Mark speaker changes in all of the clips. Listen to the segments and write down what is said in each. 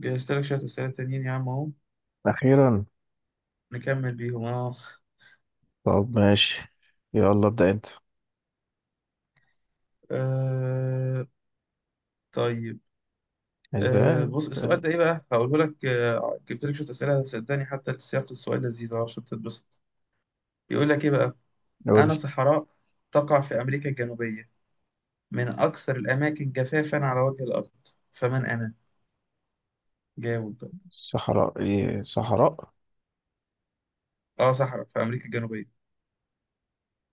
Speaker 1: جهزت لك شوية أسئلة تانيين يا عم أهو
Speaker 2: أخيرا.
Speaker 1: نكمل بيهم أه.
Speaker 2: طب ماشي. يلا ابدأ أنت.
Speaker 1: آه، طيب.
Speaker 2: إزاي؟
Speaker 1: بص، السؤال ده إيه بقى؟ هقوله لك. جبت لك شوية أسئلة، صدقني حتى سياق السؤال لذيذ أهو عشان تتبسط. يقول لك إيه بقى؟
Speaker 2: نقول.
Speaker 1: أنا صحراء تقع في أمريكا الجنوبية، من أكثر الأماكن جفافا على وجه الأرض، فمن أنا؟ جاوب بقى.
Speaker 2: صحراء إيه صحراء؟
Speaker 1: أه، صحراء في أمريكا الجنوبية.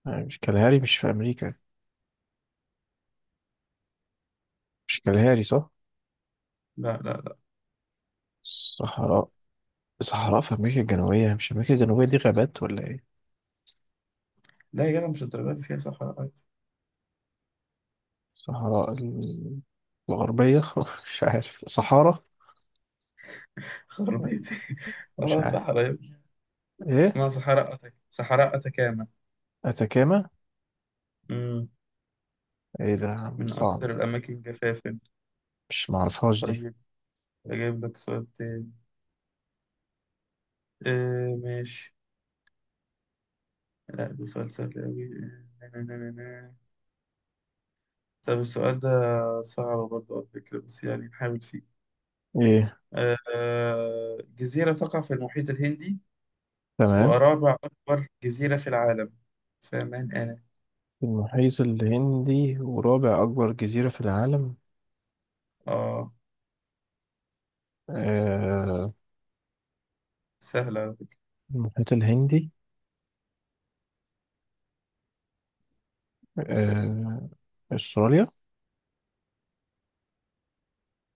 Speaker 2: مش كالهاري، مش في أمريكا. مش كالهاري صح؟
Speaker 1: لا لا لا،
Speaker 2: صحراء. صحراء في أمريكا الجنوبية؟ مش أمريكا الجنوبية دي غابات ولا إيه؟
Speaker 1: لا يا جدع مش الدرجة دي، فيها صحراء عادي.
Speaker 2: صحراء الغربية مش عارف، صحارى.
Speaker 1: خربيتي.
Speaker 2: مش
Speaker 1: أه
Speaker 2: عارف
Speaker 1: صحراء يا ابني.
Speaker 2: إيه.
Speaker 1: اسمها صحراء صحراء أتكاما.
Speaker 2: أتاكاما. إيه ده يا عم؟
Speaker 1: من
Speaker 2: صعب.
Speaker 1: أكثر الأماكن جفافا.
Speaker 2: مش معرفهاش دي.
Speaker 1: طيب أجيب لك سؤال تاني. آه ماشي. لا ده سؤال سهل أوي. آه، نا- نا- نا- نا. طب السؤال ده صعب برضه على فكرة، بس يعني نحاول فيه.
Speaker 2: إيه.
Speaker 1: جزيرة تقع في المحيط الهندي
Speaker 2: تمام.
Speaker 1: ورابع أكبر جزيرة في العالم، فمن أنا؟
Speaker 2: المحيط الهندي ورابع أكبر جزيرة في العالم.
Speaker 1: آه
Speaker 2: آه،
Speaker 1: سهلة على فكرة.
Speaker 2: المحيط الهندي. آه، استراليا.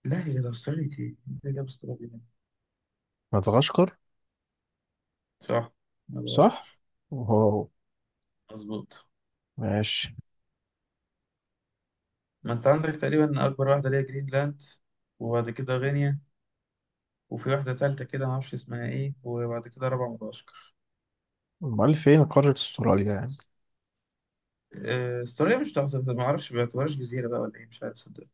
Speaker 1: لا، هي ده أستراليا إيه؟ إيه ده أستراليا دي؟
Speaker 2: مدغشقر.
Speaker 1: صح،
Speaker 2: صح.
Speaker 1: مدغشقر.
Speaker 2: واو.
Speaker 1: مظبوط.
Speaker 2: ماشي.
Speaker 1: ما أنت عندك تقريبا أكبر واحدة اللي هي جرينلاند، وبعد كده غينيا، وفي واحدة تالتة كده معرفش اسمها ايه، وبعد كده رابعة مدغشقر.
Speaker 2: امال فين قارة استراليا يعني؟
Speaker 1: استراليا مش تحت، معرفش بيعتبرهاش جزيرة بقى ولا ايه، مش عارف صدق.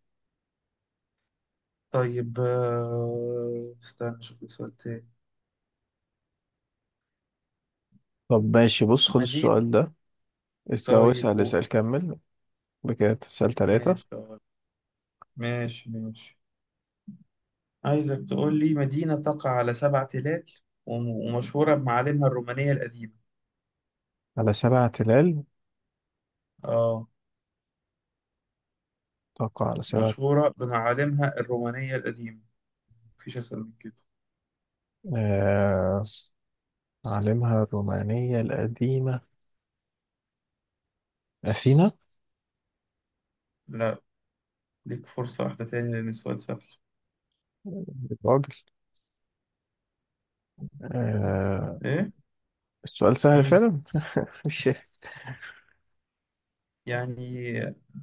Speaker 1: طيب استنى اشوف لك سؤال تاني.
Speaker 2: طب ماشي، بص خد
Speaker 1: مدينة.
Speaker 2: السؤال ده. أو
Speaker 1: طيب
Speaker 2: اسأل
Speaker 1: قول.
Speaker 2: اسأل كمل. بكده تسأل ثلاثة.
Speaker 1: ماشي طيب. ماشي ماشي. عايزك تقول لي مدينة تقع على سبع تلال وم- ومشهورة بمعالمها الرومانية القديمة.
Speaker 2: على سبع تلال.
Speaker 1: اه
Speaker 2: توقع على سبع.
Speaker 1: مشهورة بمعالمها الرومانية القديمة، مفيش أسهل من كده.
Speaker 2: آه... عالمها الرومانية القديمة. أثينا.
Speaker 1: لا ليك فرصة واحدة تاني لأن السؤال سهل.
Speaker 2: الراجل. آه... السؤال سهل
Speaker 1: ايه؟
Speaker 2: فعلا. مش.
Speaker 1: يعني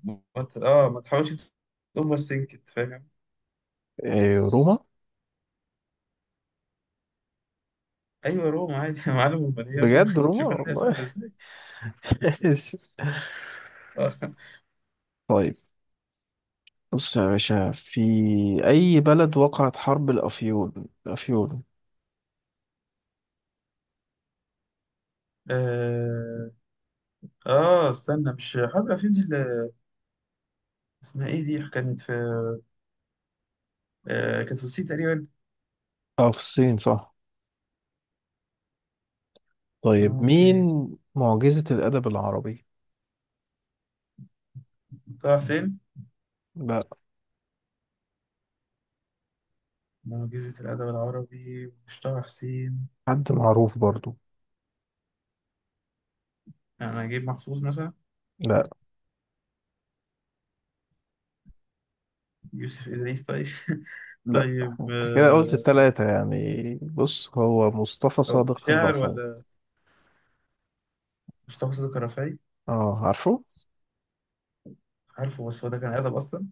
Speaker 1: ما ت- اه ما تحاولش اوفر سينكت، فاهم.
Speaker 2: روما.
Speaker 1: ايوه روما عادي. يا معلم، امال هي روما.
Speaker 2: بجد روما
Speaker 1: تشوف الحياه سهله
Speaker 2: والله.
Speaker 1: ازاي. اه.
Speaker 2: طيب، بص يا باشا، في أي بلد وقعت حرب الأفيون؟ الأفيون.
Speaker 1: اه، استنى، مش حرب الافلام دي اللي اسمها ايه، دي كانت في، كانت في الصين تقريبا.
Speaker 2: اه، في الصين صح. طيب
Speaker 1: اوكي.
Speaker 2: مين معجزة الأدب العربي؟
Speaker 1: طه حسين.
Speaker 2: لا.
Speaker 1: معجزة الأدب العربي مش طه حسين؟
Speaker 2: حد معروف برضو.
Speaker 1: أنا أجيب محفوظ مثلا.
Speaker 2: لا.
Speaker 1: يوسف إدريس طيب.
Speaker 2: لا،
Speaker 1: طيب
Speaker 2: انت كده قلت التلاتة يعني. بص هو مصطفى
Speaker 1: أو
Speaker 2: صادق
Speaker 1: شاعر
Speaker 2: الرفعي.
Speaker 1: ولا. مصطفى صدق الرفاعي.
Speaker 2: اه، عارفه؟
Speaker 1: عارفه بس هو ده كان أدب أصلا.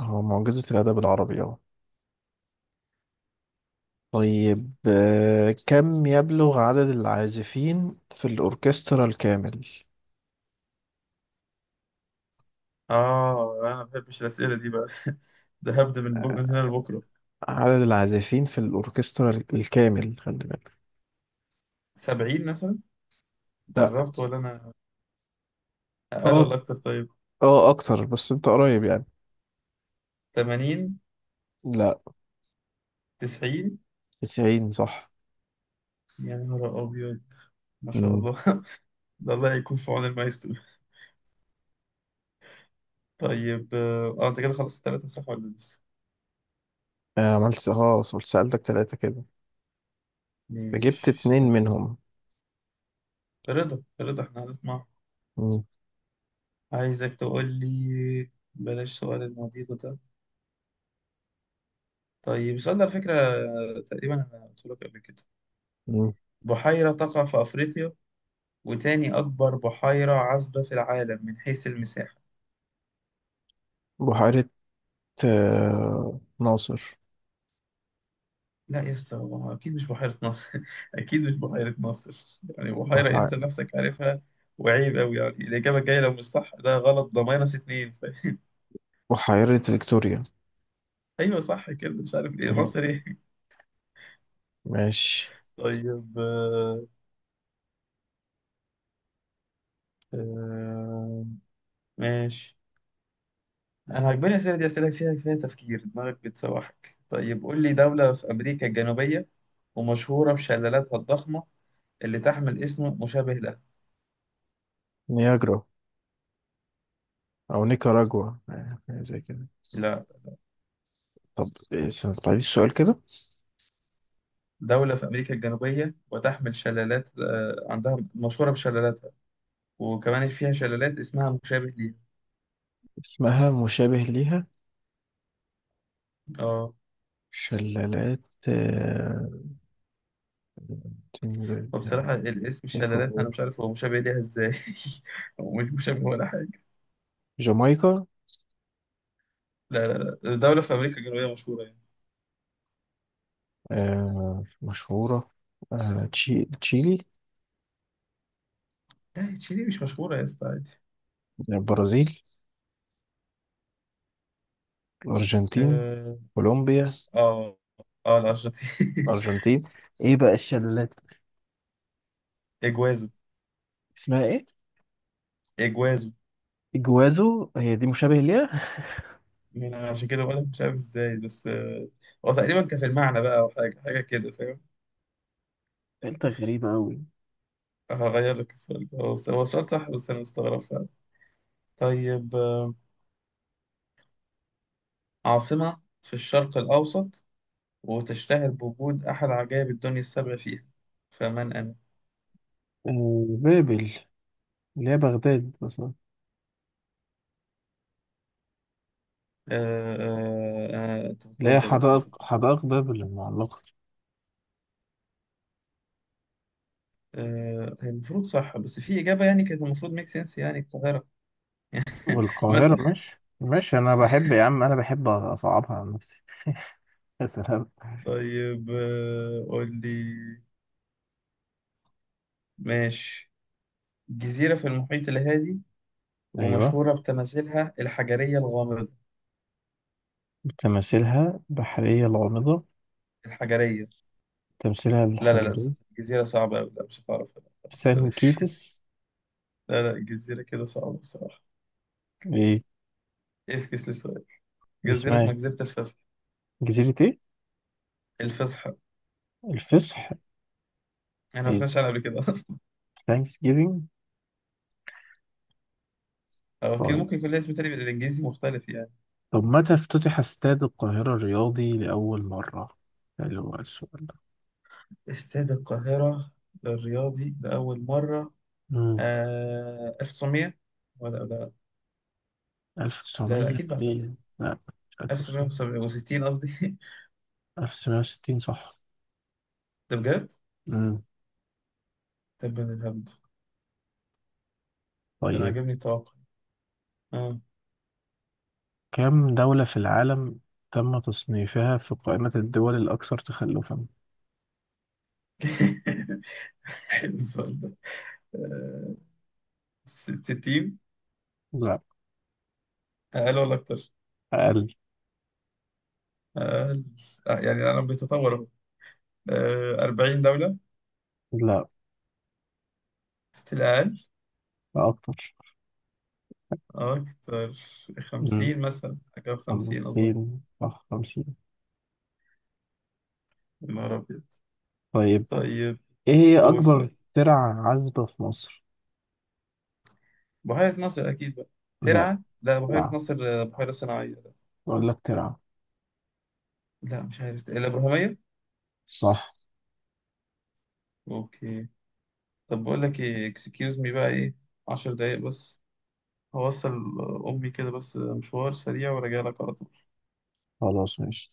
Speaker 2: هو معجزة الأدب العربي، اه. طيب، كم يبلغ عدد العازفين في الأوركسترا الكامل؟
Speaker 1: اه انا ما بحبش الاسئله دي بقى، ده هبدا من هنا لبكره.
Speaker 2: عدد العازفين في الأوركسترا الكامل، خلي بالك.
Speaker 1: 70 مثلا.
Speaker 2: لا.
Speaker 1: قربت ولا انا اقل
Speaker 2: اه،
Speaker 1: ولا اكتر طيب.
Speaker 2: اه، اكتر، بس انت قريب يعني.
Speaker 1: 80.
Speaker 2: لا.
Speaker 1: 90.
Speaker 2: 90 صح.
Speaker 1: يا نهار ابيض، ما شاء
Speaker 2: مم.
Speaker 1: الله. ده الله يكون في عون المايسترو. طيب اه انت كده خلصت الثلاثه صح ولا لسه.
Speaker 2: عملت خلاص، قلت سألتك ثلاثة كده. فجبت
Speaker 1: ماشي
Speaker 2: اتنين
Speaker 1: استنى.
Speaker 2: منهم.
Speaker 1: رضا احنا هنسمع.
Speaker 2: مم.
Speaker 1: عايزك تقول لي، بلاش سؤال المضيق ده. طيب السؤال ده على فكره تقريبا انا قلت لك قبل كده.
Speaker 2: مم.
Speaker 1: بحيره تقع في افريقيا وتاني أكبر بحيرة عذبة في العالم من حيث المساحة.
Speaker 2: بحيرة. ناصر.
Speaker 1: لا يا اسطى، هو أكيد مش بحيرة ناصر. أكيد مش بحيرة ناصر يعني، بحيرة
Speaker 2: بح...
Speaker 1: أنت نفسك عارفها. وعيب أوي يعني، الإجابة الجاية لو مش صح ده غلط، ده ماينس 2.
Speaker 2: بحيرة فيكتوريا.
Speaker 1: أيوه صح كده، مش عارف إيه
Speaker 2: مهم.
Speaker 1: ناصر إيه.
Speaker 2: ماشي.
Speaker 1: طيب آه، ماشي. أنا عجباني الأسئلة دي، أسئلة فيها تفكير، دماغك بتسوحك. طيب قول لي، دولة في أمريكا الجنوبية ومشهورة بشلالاتها الضخمة اللي تحمل اسم مشابه له.
Speaker 2: نياجرا. أو نيكاراجوا، حاجة زي كده.
Speaker 1: لا.
Speaker 2: طب استنى، بعد السؤال كده.
Speaker 1: دولة في أمريكا الجنوبية وتحمل شلالات، عندها مشهورة بشلالاتها، وكمان فيها شلالات اسمها مشابه ليها.
Speaker 2: اسمها مشابه ليها.
Speaker 1: اه.
Speaker 2: شلالات. آه، تنجل-
Speaker 1: فبصراحة الاسم الشلالات أنا
Speaker 2: إكوادور.
Speaker 1: مش عارف هو مشابه ليها إزاي. هو مش مشابه ولا حاجة.
Speaker 2: جامايكا.
Speaker 1: لا لا لا، دولة في أمريكا الجنوبية مشهورة يعني.
Speaker 2: مشهورة. تشيلي.
Speaker 1: لا، تشيلي مش مشهورة يا اسطى عادي.
Speaker 2: البرازيل. الأرجنتين.
Speaker 1: اه.
Speaker 2: كولومبيا.
Speaker 1: اه، الأرجنتين.
Speaker 2: الأرجنتين. إيه بقى الشلالات؟
Speaker 1: إجوازو.
Speaker 2: اسمها إيه؟
Speaker 1: إجوازو.
Speaker 2: إجوازو. هي دي مشابه ليها؟
Speaker 1: أنا عشان كده بقولك مش عارف إزاي، بس هو تقريبا كان في المعنى بقى، أو حاجة حاجة كده، فاهم.
Speaker 2: سألتها غريبة أوي.
Speaker 1: هغير لك السؤال ده، هو السؤال صح، بس أنا مستغرب. طيب عاصمة في الشرق الأوسط وتشتهر بوجود أحد عجائب الدنيا السبع فيها، فمن أنا؟
Speaker 2: بابل، اللي هي بغداد مثلا.
Speaker 1: أنت
Speaker 2: اللي هي
Speaker 1: بتهزر يا أستاذ صدق.
Speaker 2: حدائق بابل المعلقة.
Speaker 1: هي المفروض صح، بس في إجابة يعني كانت المفروض ميك سنس، يعني القاهرة. مثلا.
Speaker 2: والقاهرة ماشي ماشي. أنا بحب يا عم، أنا بحب أصعبها على نفسي. يا سلام.
Speaker 1: طيب قول لي. ماشي. جزيرة في المحيط الهادي
Speaker 2: أيوة.
Speaker 1: ومشهورة بتماثيلها الحجرية الغامضة.
Speaker 2: تماثيلها بحرية الغامضة.
Speaker 1: الحجرية.
Speaker 2: تمثيلها
Speaker 1: لا لا لا،
Speaker 2: الحجري.
Speaker 1: جزيرة صعبة أوي، لا مش هتعرف لا، خلاص
Speaker 2: سان
Speaker 1: بلاش.
Speaker 2: كيتس.
Speaker 1: لا لا، الجزيرة كده صعبة بصراحة، يفكس لي السؤال. جزيرة
Speaker 2: اسمها
Speaker 1: اسمها
Speaker 2: إيه؟
Speaker 1: جزيرة الفصح.
Speaker 2: جزيرة ايه؟
Speaker 1: الفصحى.
Speaker 2: الفصح.
Speaker 1: أنا ما
Speaker 2: ايه.
Speaker 1: سمعتش عنها قبل كده أصلا.
Speaker 2: ثانكس جيفينج.
Speaker 1: أو أكيد
Speaker 2: طيب.
Speaker 1: ممكن يكون لها اسم تاني بالإنجليزي مختلف يعني.
Speaker 2: طب متى افتتح استاد القاهرة الرياضي لأول مرة؟ اللي هو السؤال ده.
Speaker 1: استاد القاهرة للرياضي لأول مرة.
Speaker 2: مم.
Speaker 1: 1900، ولا لا. لا لا،
Speaker 2: 1900
Speaker 1: أكيد بعدها.
Speaker 2: ليه؟ لا. مش 1900.
Speaker 1: 1960 قصدي.
Speaker 2: 1960 صح.
Speaker 1: ده بجد؟
Speaker 2: مم.
Speaker 1: طب أنا الهبد. ده أنا
Speaker 2: طيب،
Speaker 1: عجبني التوقع. آه.
Speaker 2: كم دولة في العالم تم تصنيفها في قائمة الدول الأكثر تخلفا؟
Speaker 1: حلو السؤال ده. آه، 60.
Speaker 2: لا.
Speaker 1: أقل ولا أكتر؟
Speaker 2: أقل.
Speaker 1: أقل. يعني العالم بيتطور أهو. 40 دولة.
Speaker 2: لا.
Speaker 1: ستيل.
Speaker 2: أكتر.
Speaker 1: أكتر.
Speaker 2: مم.
Speaker 1: 50 مثلا، حاجة و50 أظن.
Speaker 2: 50 صح، 50.
Speaker 1: يا نهار أبيض.
Speaker 2: طيب،
Speaker 1: طيب.
Speaker 2: إيه هي
Speaker 1: قول
Speaker 2: أكبر
Speaker 1: سؤال.
Speaker 2: ترع عزبة في مصر؟
Speaker 1: بحيرة ناصر أكيد بقى.
Speaker 2: لا.
Speaker 1: ترعة؟ لا بحيرة
Speaker 2: ترعة.
Speaker 1: ناصر بحيرة صناعية.
Speaker 2: بقول لك ترعة.
Speaker 1: لا مش عارف، الأبراهيمية.
Speaker 2: صح.
Speaker 1: أوكي. طب بقول لك إيه، إكسكيوز مي بقى إيه، 10 دقايق بس هوصل أمي كده بس، مشوار سريع وراجع لك على طول.
Speaker 2: خلاص ماشي.